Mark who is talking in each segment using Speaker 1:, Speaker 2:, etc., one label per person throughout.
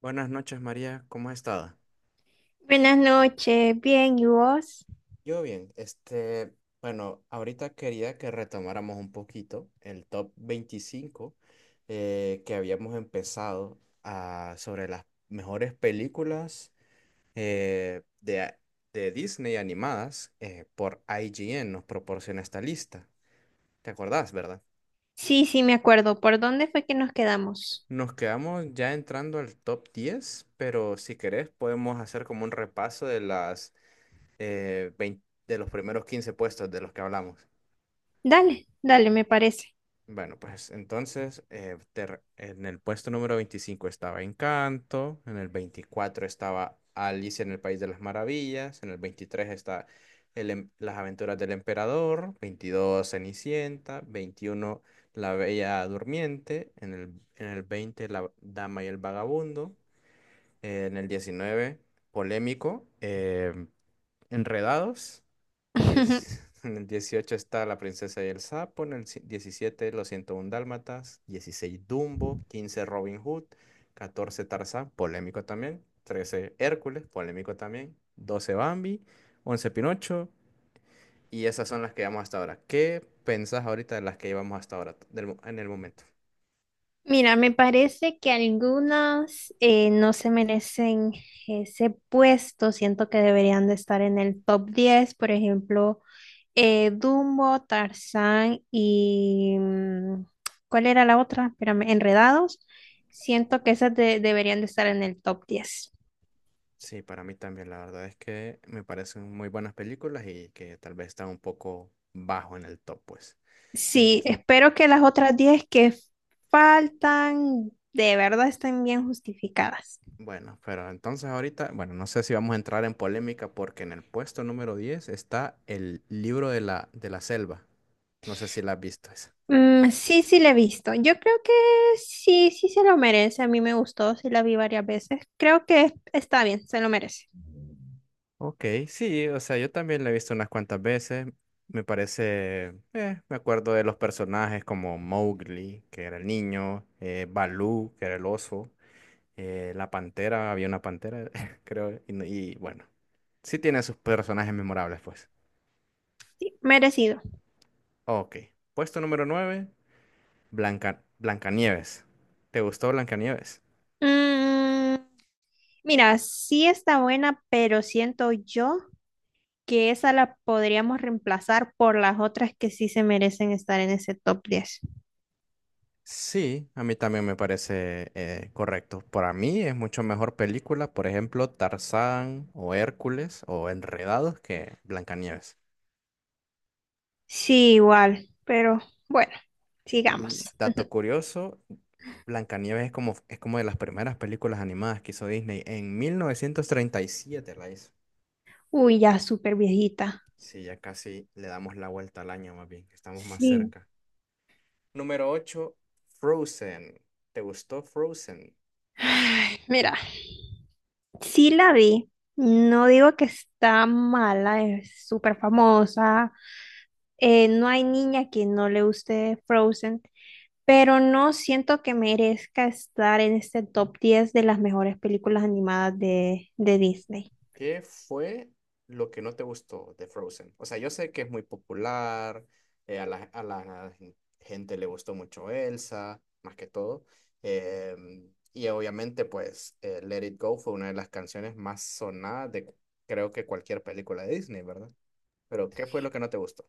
Speaker 1: Buenas noches, María. ¿Cómo has estado?
Speaker 2: Buenas noches, bien, ¿y vos?
Speaker 1: Yo bien, bueno, ahorita quería que retomáramos un poquito el top 25 que habíamos empezado sobre las mejores películas eh, de, a- de Disney animadas por IGN, nos proporciona esta lista. ¿Te acordás, verdad?
Speaker 2: Sí, sí, me acuerdo. ¿Por dónde fue que nos quedamos?
Speaker 1: Nos quedamos ya entrando al top 10, pero si querés podemos hacer como un repaso de las 20 de los primeros 15 puestos de los que hablamos.
Speaker 2: Dale, dale, me parece.
Speaker 1: Bueno, pues entonces en el puesto número 25 estaba Encanto, en el 24 estaba Alicia en el País de las Maravillas, en el 23 está Las Aventuras del Emperador, 22 Cenicienta, 21 La Bella Durmiente, en el 20 La Dama y el Vagabundo, en el 19 Polémico, Enredados. En el 18 está La princesa y el sapo, en el 17 Los 101 dálmatas, 16 Dumbo, 15 Robin Hood, 14 Tarzán, polémico también, 13 Hércules, polémico también, 12 Bambi, 11 Pinocho, y esas son las que llevamos hasta ahora. ¿Qué pensás ahorita de las que llevamos hasta ahora, en el momento?
Speaker 2: Mira, me parece que algunas no se merecen ese puesto. Siento que deberían de estar en el top 10. Por ejemplo, Dumbo, Tarzán ¿cuál era la otra? Espérame, Enredados. Siento que esas deberían de estar en el top 10.
Speaker 1: Sí, para mí también, la verdad es que me parecen muy buenas películas y que tal vez están un poco bajo en el top, pues. En-
Speaker 2: Sí, espero que las otras 10 que faltan de verdad estén bien justificadas.
Speaker 1: Bueno, pero entonces ahorita, bueno, no sé si vamos a entrar en polémica porque en el puesto número 10 está el libro de la selva. No sé si la has visto esa.
Speaker 2: Mm, sí, sí, la he visto. Yo creo que sí, sí se lo merece. A mí me gustó, sí la vi varias veces. Creo que está bien, se lo merece.
Speaker 1: Ok, sí, o sea, yo también la he visto unas cuantas veces. Me parece, me acuerdo de los personajes como Mowgli, que era el niño, Baloo, que era el oso, la pantera, había una pantera, creo, y, y bueno, sí tiene sus personajes memorables, pues.
Speaker 2: Merecido.
Speaker 1: Ok, puesto número 9. Blancanieves. ¿Te gustó Blancanieves?
Speaker 2: Mm, Mira, sí está buena, pero siento yo que esa la podríamos reemplazar por las otras que sí se merecen estar en ese top 10.
Speaker 1: Sí, a mí también me parece correcto. Para mí es mucho mejor película, por ejemplo, Tarzán o Hércules o Enredados que Blancanieves.
Speaker 2: Sí, igual, pero bueno,
Speaker 1: Y
Speaker 2: sigamos.
Speaker 1: dato curioso, Blancanieves es como de las primeras películas animadas que hizo Disney. En 1937, la hizo.
Speaker 2: Uy, ya súper viejita.
Speaker 1: Sí, ya casi le damos la vuelta al año más bien, estamos más
Speaker 2: Sí.
Speaker 1: cerca. Número 8, Frozen. ¿Te gustó Frozen?
Speaker 2: Ay, mira, sí la vi. No digo que está mala, es súper famosa. No hay niña que no le guste Frozen, pero no siento que merezca estar en este top 10 de las mejores películas animadas de, Disney.
Speaker 1: ¿Qué fue lo que no te gustó de Frozen? O sea, yo sé que es muy popular, a la gente le gustó mucho Elsa, más que todo. eh, y obviamente, pues, Let It Go fue una de las canciones más sonadas de creo que cualquier película de Disney, ¿verdad? Pero, ¿qué fue lo que no te gustó?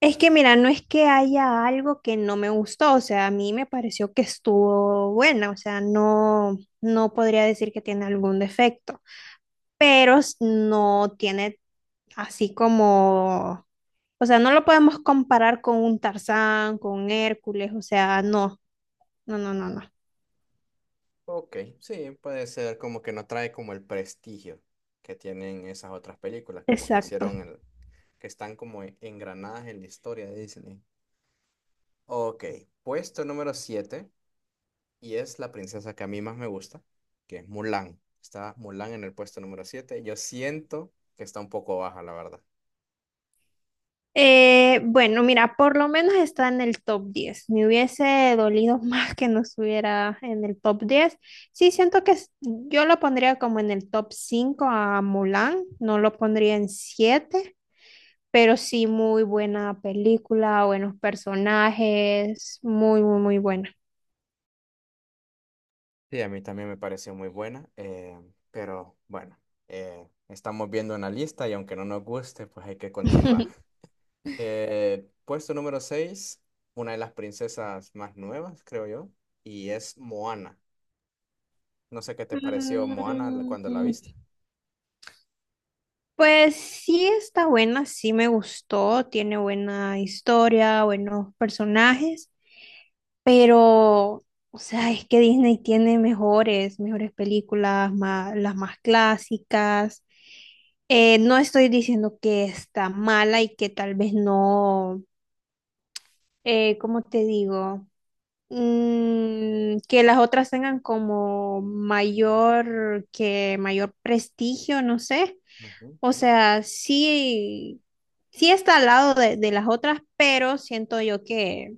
Speaker 2: Es que mira, no es que haya algo que no me gustó, o sea, a mí me pareció que estuvo buena, o sea, no, no podría decir que tiene algún defecto, pero no tiene así como, o sea, no lo podemos comparar con un Tarzán, con un Hércules, o sea, no, no, no, no, no.
Speaker 1: Ok, sí, puede ser como que no trae como el prestigio que tienen esas otras películas, como que
Speaker 2: Exacto.
Speaker 1: hicieron el, que están como engranadas en la historia de Disney. Ok, puesto número 7 y es la princesa que a mí más me gusta, que es Mulan. Está Mulan en el puesto número 7. Yo siento que está un poco baja, la verdad.
Speaker 2: Bueno, mira, por lo menos está en el top 10. Me hubiese dolido más que no estuviera en el top 10. Sí, siento que yo lo pondría como en el top 5 a Mulan, no lo pondría en 7, pero sí muy buena película, buenos personajes, muy, muy, muy buena.
Speaker 1: Sí, a mí también me pareció muy buena, pero bueno, estamos viendo una lista y aunque no nos guste, pues hay que continuar. Puesto número 6, una de las princesas más nuevas, creo yo, y es Moana. No sé qué te pareció Moana cuando la
Speaker 2: Mm,
Speaker 1: viste.
Speaker 2: Pues sí está buena, sí me gustó, tiene buena historia, buenos personajes, pero, o sea, es que Disney tiene mejores, mejores películas, las más clásicas. No estoy diciendo que está mala y que tal vez no, ¿cómo te digo? Que las otras tengan como mayor, que mayor prestigio, no sé.
Speaker 1: Ujú.
Speaker 2: O sea, sí, sí está al lado de las otras, pero siento yo que,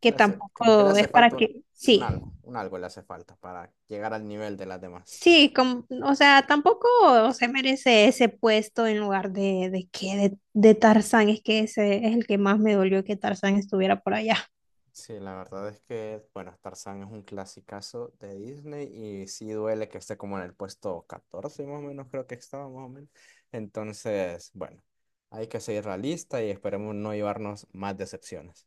Speaker 2: que
Speaker 1: Como que le
Speaker 2: tampoco
Speaker 1: hace
Speaker 2: es para
Speaker 1: falta
Speaker 2: que, sí,
Speaker 1: un algo le hace falta para llegar al nivel de las demás.
Speaker 2: sí, como, o sea, tampoco se merece ese puesto en lugar de que de Tarzán, es que ese es el que más me dolió que Tarzán estuviera por allá.
Speaker 1: Sí, la verdad es que, bueno, Tarzán es un clasicazo de Disney y sí duele que esté como en el puesto 14 más o menos, creo que estaba más o menos. Entonces, bueno, hay que seguir la lista y esperemos no llevarnos más decepciones.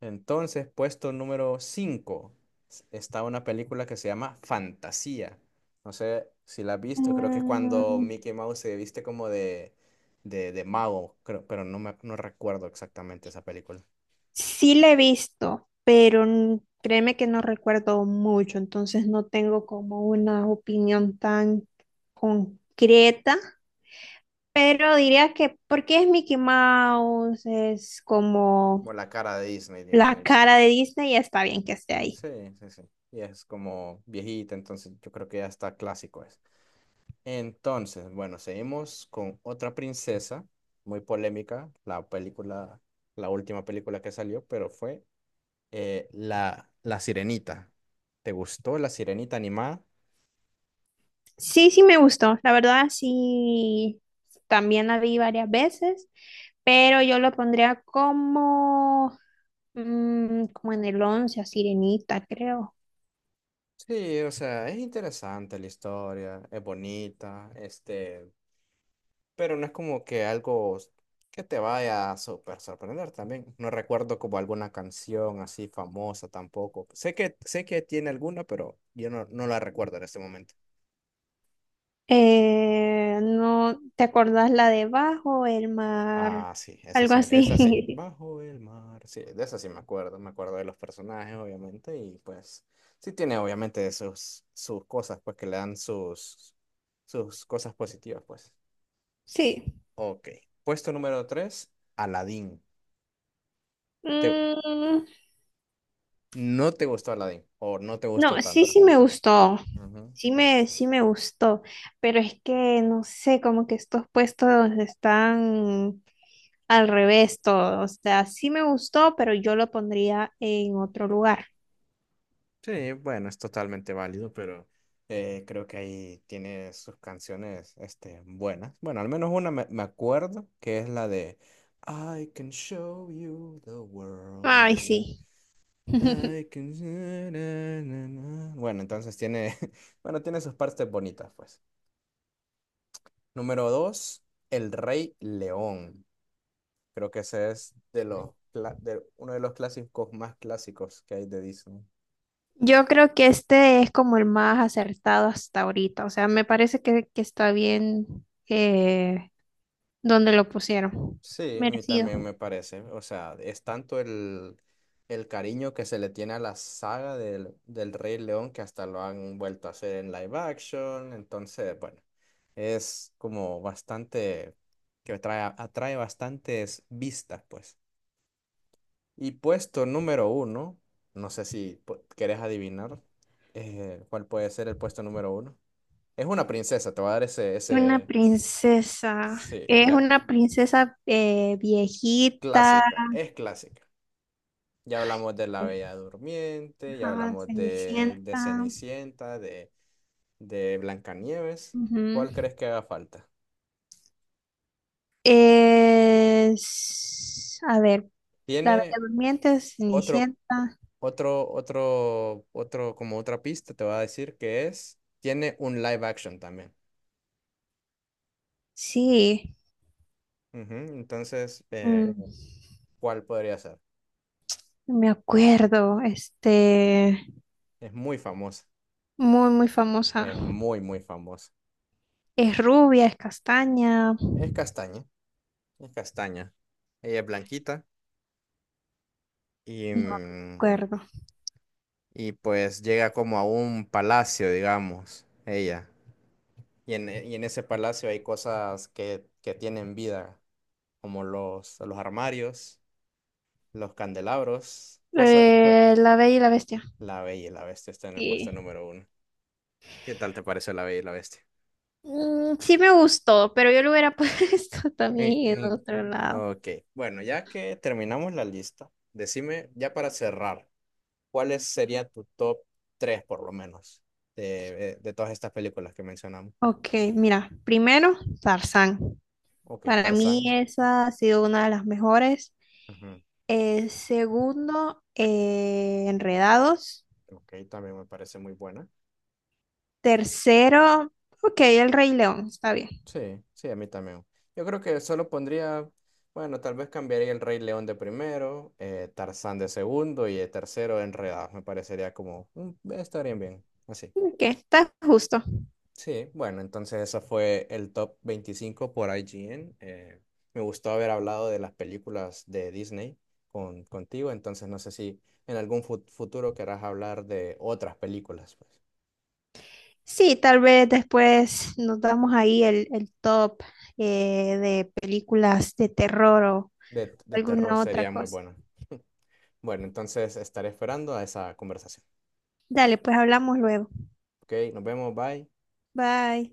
Speaker 1: Entonces, puesto número 5 está una película que se llama Fantasía. No sé si la has visto, creo que es cuando
Speaker 2: Mm,
Speaker 1: Mickey Mouse se viste como de mago, creo, pero no, no recuerdo exactamente esa película.
Speaker 2: sí la he visto, pero créeme que no recuerdo mucho, entonces no tengo como una opinión tan concreta, pero diría que porque es Mickey Mouse, es como
Speaker 1: Como la cara de Disney, digamos.
Speaker 2: la cara de Disney y está bien que esté ahí.
Speaker 1: Sí, sí, sí. Y es como viejita, entonces yo creo que ya está clásico es. Entonces, bueno, seguimos con otra princesa, muy polémica, la película, la última película que salió, pero fue la Sirenita. ¿Te gustó la Sirenita animada?
Speaker 2: Sí, sí me gustó, la verdad sí, también la vi varias veces, pero yo lo pondría como, como en el 11 a Sirenita, creo.
Speaker 1: Sí, o sea, es interesante la historia, es bonita, este, pero no es como que algo que te vaya a súper sorprender también. No recuerdo como alguna canción así famosa tampoco. Sé que tiene alguna, pero yo no, no la recuerdo en este momento.
Speaker 2: No, ¿te acordás la de bajo el mar?
Speaker 1: Ah, sí, esa
Speaker 2: Algo
Speaker 1: sí, esa sí,
Speaker 2: así.
Speaker 1: bajo el mar, sí, de esa sí me acuerdo de los personajes, obviamente, y pues sí tiene obviamente sus cosas, pues que le dan sus cosas positivas, pues.
Speaker 2: Sí.
Speaker 1: Ok, puesto número 3 Aladdin. Te,
Speaker 2: Mm,
Speaker 1: ¿No te gustó Aladdin? ¿O no te gustó
Speaker 2: no, sí,
Speaker 1: tanto?
Speaker 2: sí me gustó.
Speaker 1: Ujú.
Speaker 2: Sí me gustó. Pero es que, no sé, como que estos puestos están al revés todo. O sea, sí me gustó, pero yo lo pondría en otro lugar.
Speaker 1: Sí, bueno, es totalmente válido, pero creo que ahí tiene sus canciones este, buenas. Bueno, al menos una me acuerdo, que es la de I can show you the
Speaker 2: Ay,
Speaker 1: world.
Speaker 2: sí.
Speaker 1: I can... na, na, na, na". Bueno, entonces tiene, bueno, tiene sus partes bonitas, pues. Número dos, El Rey León. Creo que ese es de uno de los clásicos más clásicos que hay de Disney.
Speaker 2: Yo creo que este es como el más acertado hasta ahorita. O sea, me parece que está bien donde lo pusieron.
Speaker 1: Sí, a mí también
Speaker 2: Merecido.
Speaker 1: me parece. O sea, es tanto el cariño que se le tiene a la saga del Rey León que hasta lo han vuelto a hacer en live action. Entonces, bueno, es como bastante, que atrae, atrae bastantes vistas, pues. Y puesto número uno, no sé si querés adivinar cuál puede ser el puesto número uno. Es una princesa, te voy a dar
Speaker 2: Una
Speaker 1: ese,
Speaker 2: princesa.
Speaker 1: sí,
Speaker 2: Es
Speaker 1: ya,
Speaker 2: una princesa viejita,
Speaker 1: clásica, es clásica. Ya hablamos de la Bella Durmiente, ya
Speaker 2: ajá,
Speaker 1: hablamos de
Speaker 2: Cenicienta.
Speaker 1: Cenicienta, de Blancanieves.
Speaker 2: Ujú.
Speaker 1: ¿Cuál crees que haga falta?
Speaker 2: Es, a ver, la Bella
Speaker 1: Tiene
Speaker 2: Durmiente,
Speaker 1: otro,
Speaker 2: Cenicienta.
Speaker 1: otro, como otra pista, te voy a decir que es, tiene un live action también.
Speaker 2: Sí,
Speaker 1: Ujú, entonces,
Speaker 2: mm,
Speaker 1: ¿cuál podría ser?
Speaker 2: me acuerdo. Este,
Speaker 1: Es muy famosa,
Speaker 2: muy, muy famosa.
Speaker 1: es muy, muy famosa.
Speaker 2: Es rubia, es castaña.
Speaker 1: Es castaña, es castaña. Ella es blanquita y,
Speaker 2: No recuerdo.
Speaker 1: pues llega como a un palacio, digamos, ella. Y en ese palacio hay cosas que tienen vida, como los armarios, los candelabros, cosas...
Speaker 2: La Bella y la Bestia.
Speaker 1: La Bella y la Bestia está en el puesto
Speaker 2: Sí.
Speaker 1: número uno. ¿Qué tal te pareció La Bella y la Bestia?
Speaker 2: Mm, sí me gustó, pero yo lo hubiera puesto
Speaker 1: Eh,
Speaker 2: también en
Speaker 1: eh,
Speaker 2: otro lado.
Speaker 1: Ok, bueno, ya que terminamos la lista, decime, ya para cerrar, ¿cuáles sería tu top 3 por lo menos de, de todas estas películas que mencionamos?
Speaker 2: Ok, mira, primero, Tarzán.
Speaker 1: Ok,
Speaker 2: Para mí
Speaker 1: Tarzán.
Speaker 2: esa ha sido una de las mejores.
Speaker 1: Ujú.
Speaker 2: Segundo, Enredados.
Speaker 1: Ok, también me parece muy buena.
Speaker 2: Tercero, ok, El Rey León, está bien.
Speaker 1: Sí, sí, a mí también. Yo creo que solo pondría, bueno, tal vez cambiaría el Rey León de primero, Tarzán de segundo y el tercero Enredados. Me parecería como, estarían bien, así.
Speaker 2: Ok, está justo.
Speaker 1: Sí, bueno, entonces eso fue el top 25 por IGN. Me gustó haber hablado de las películas de Disney contigo, entonces no sé si en algún futuro querrás hablar de otras películas, pues.
Speaker 2: Sí, tal vez después nos damos ahí el top de películas de terror o
Speaker 1: De terror
Speaker 2: alguna otra
Speaker 1: sería muy
Speaker 2: cosa.
Speaker 1: bueno. Bueno, entonces estaré esperando a esa conversación.
Speaker 2: Dale, pues hablamos luego.
Speaker 1: Ok, nos vemos, bye.
Speaker 2: Bye.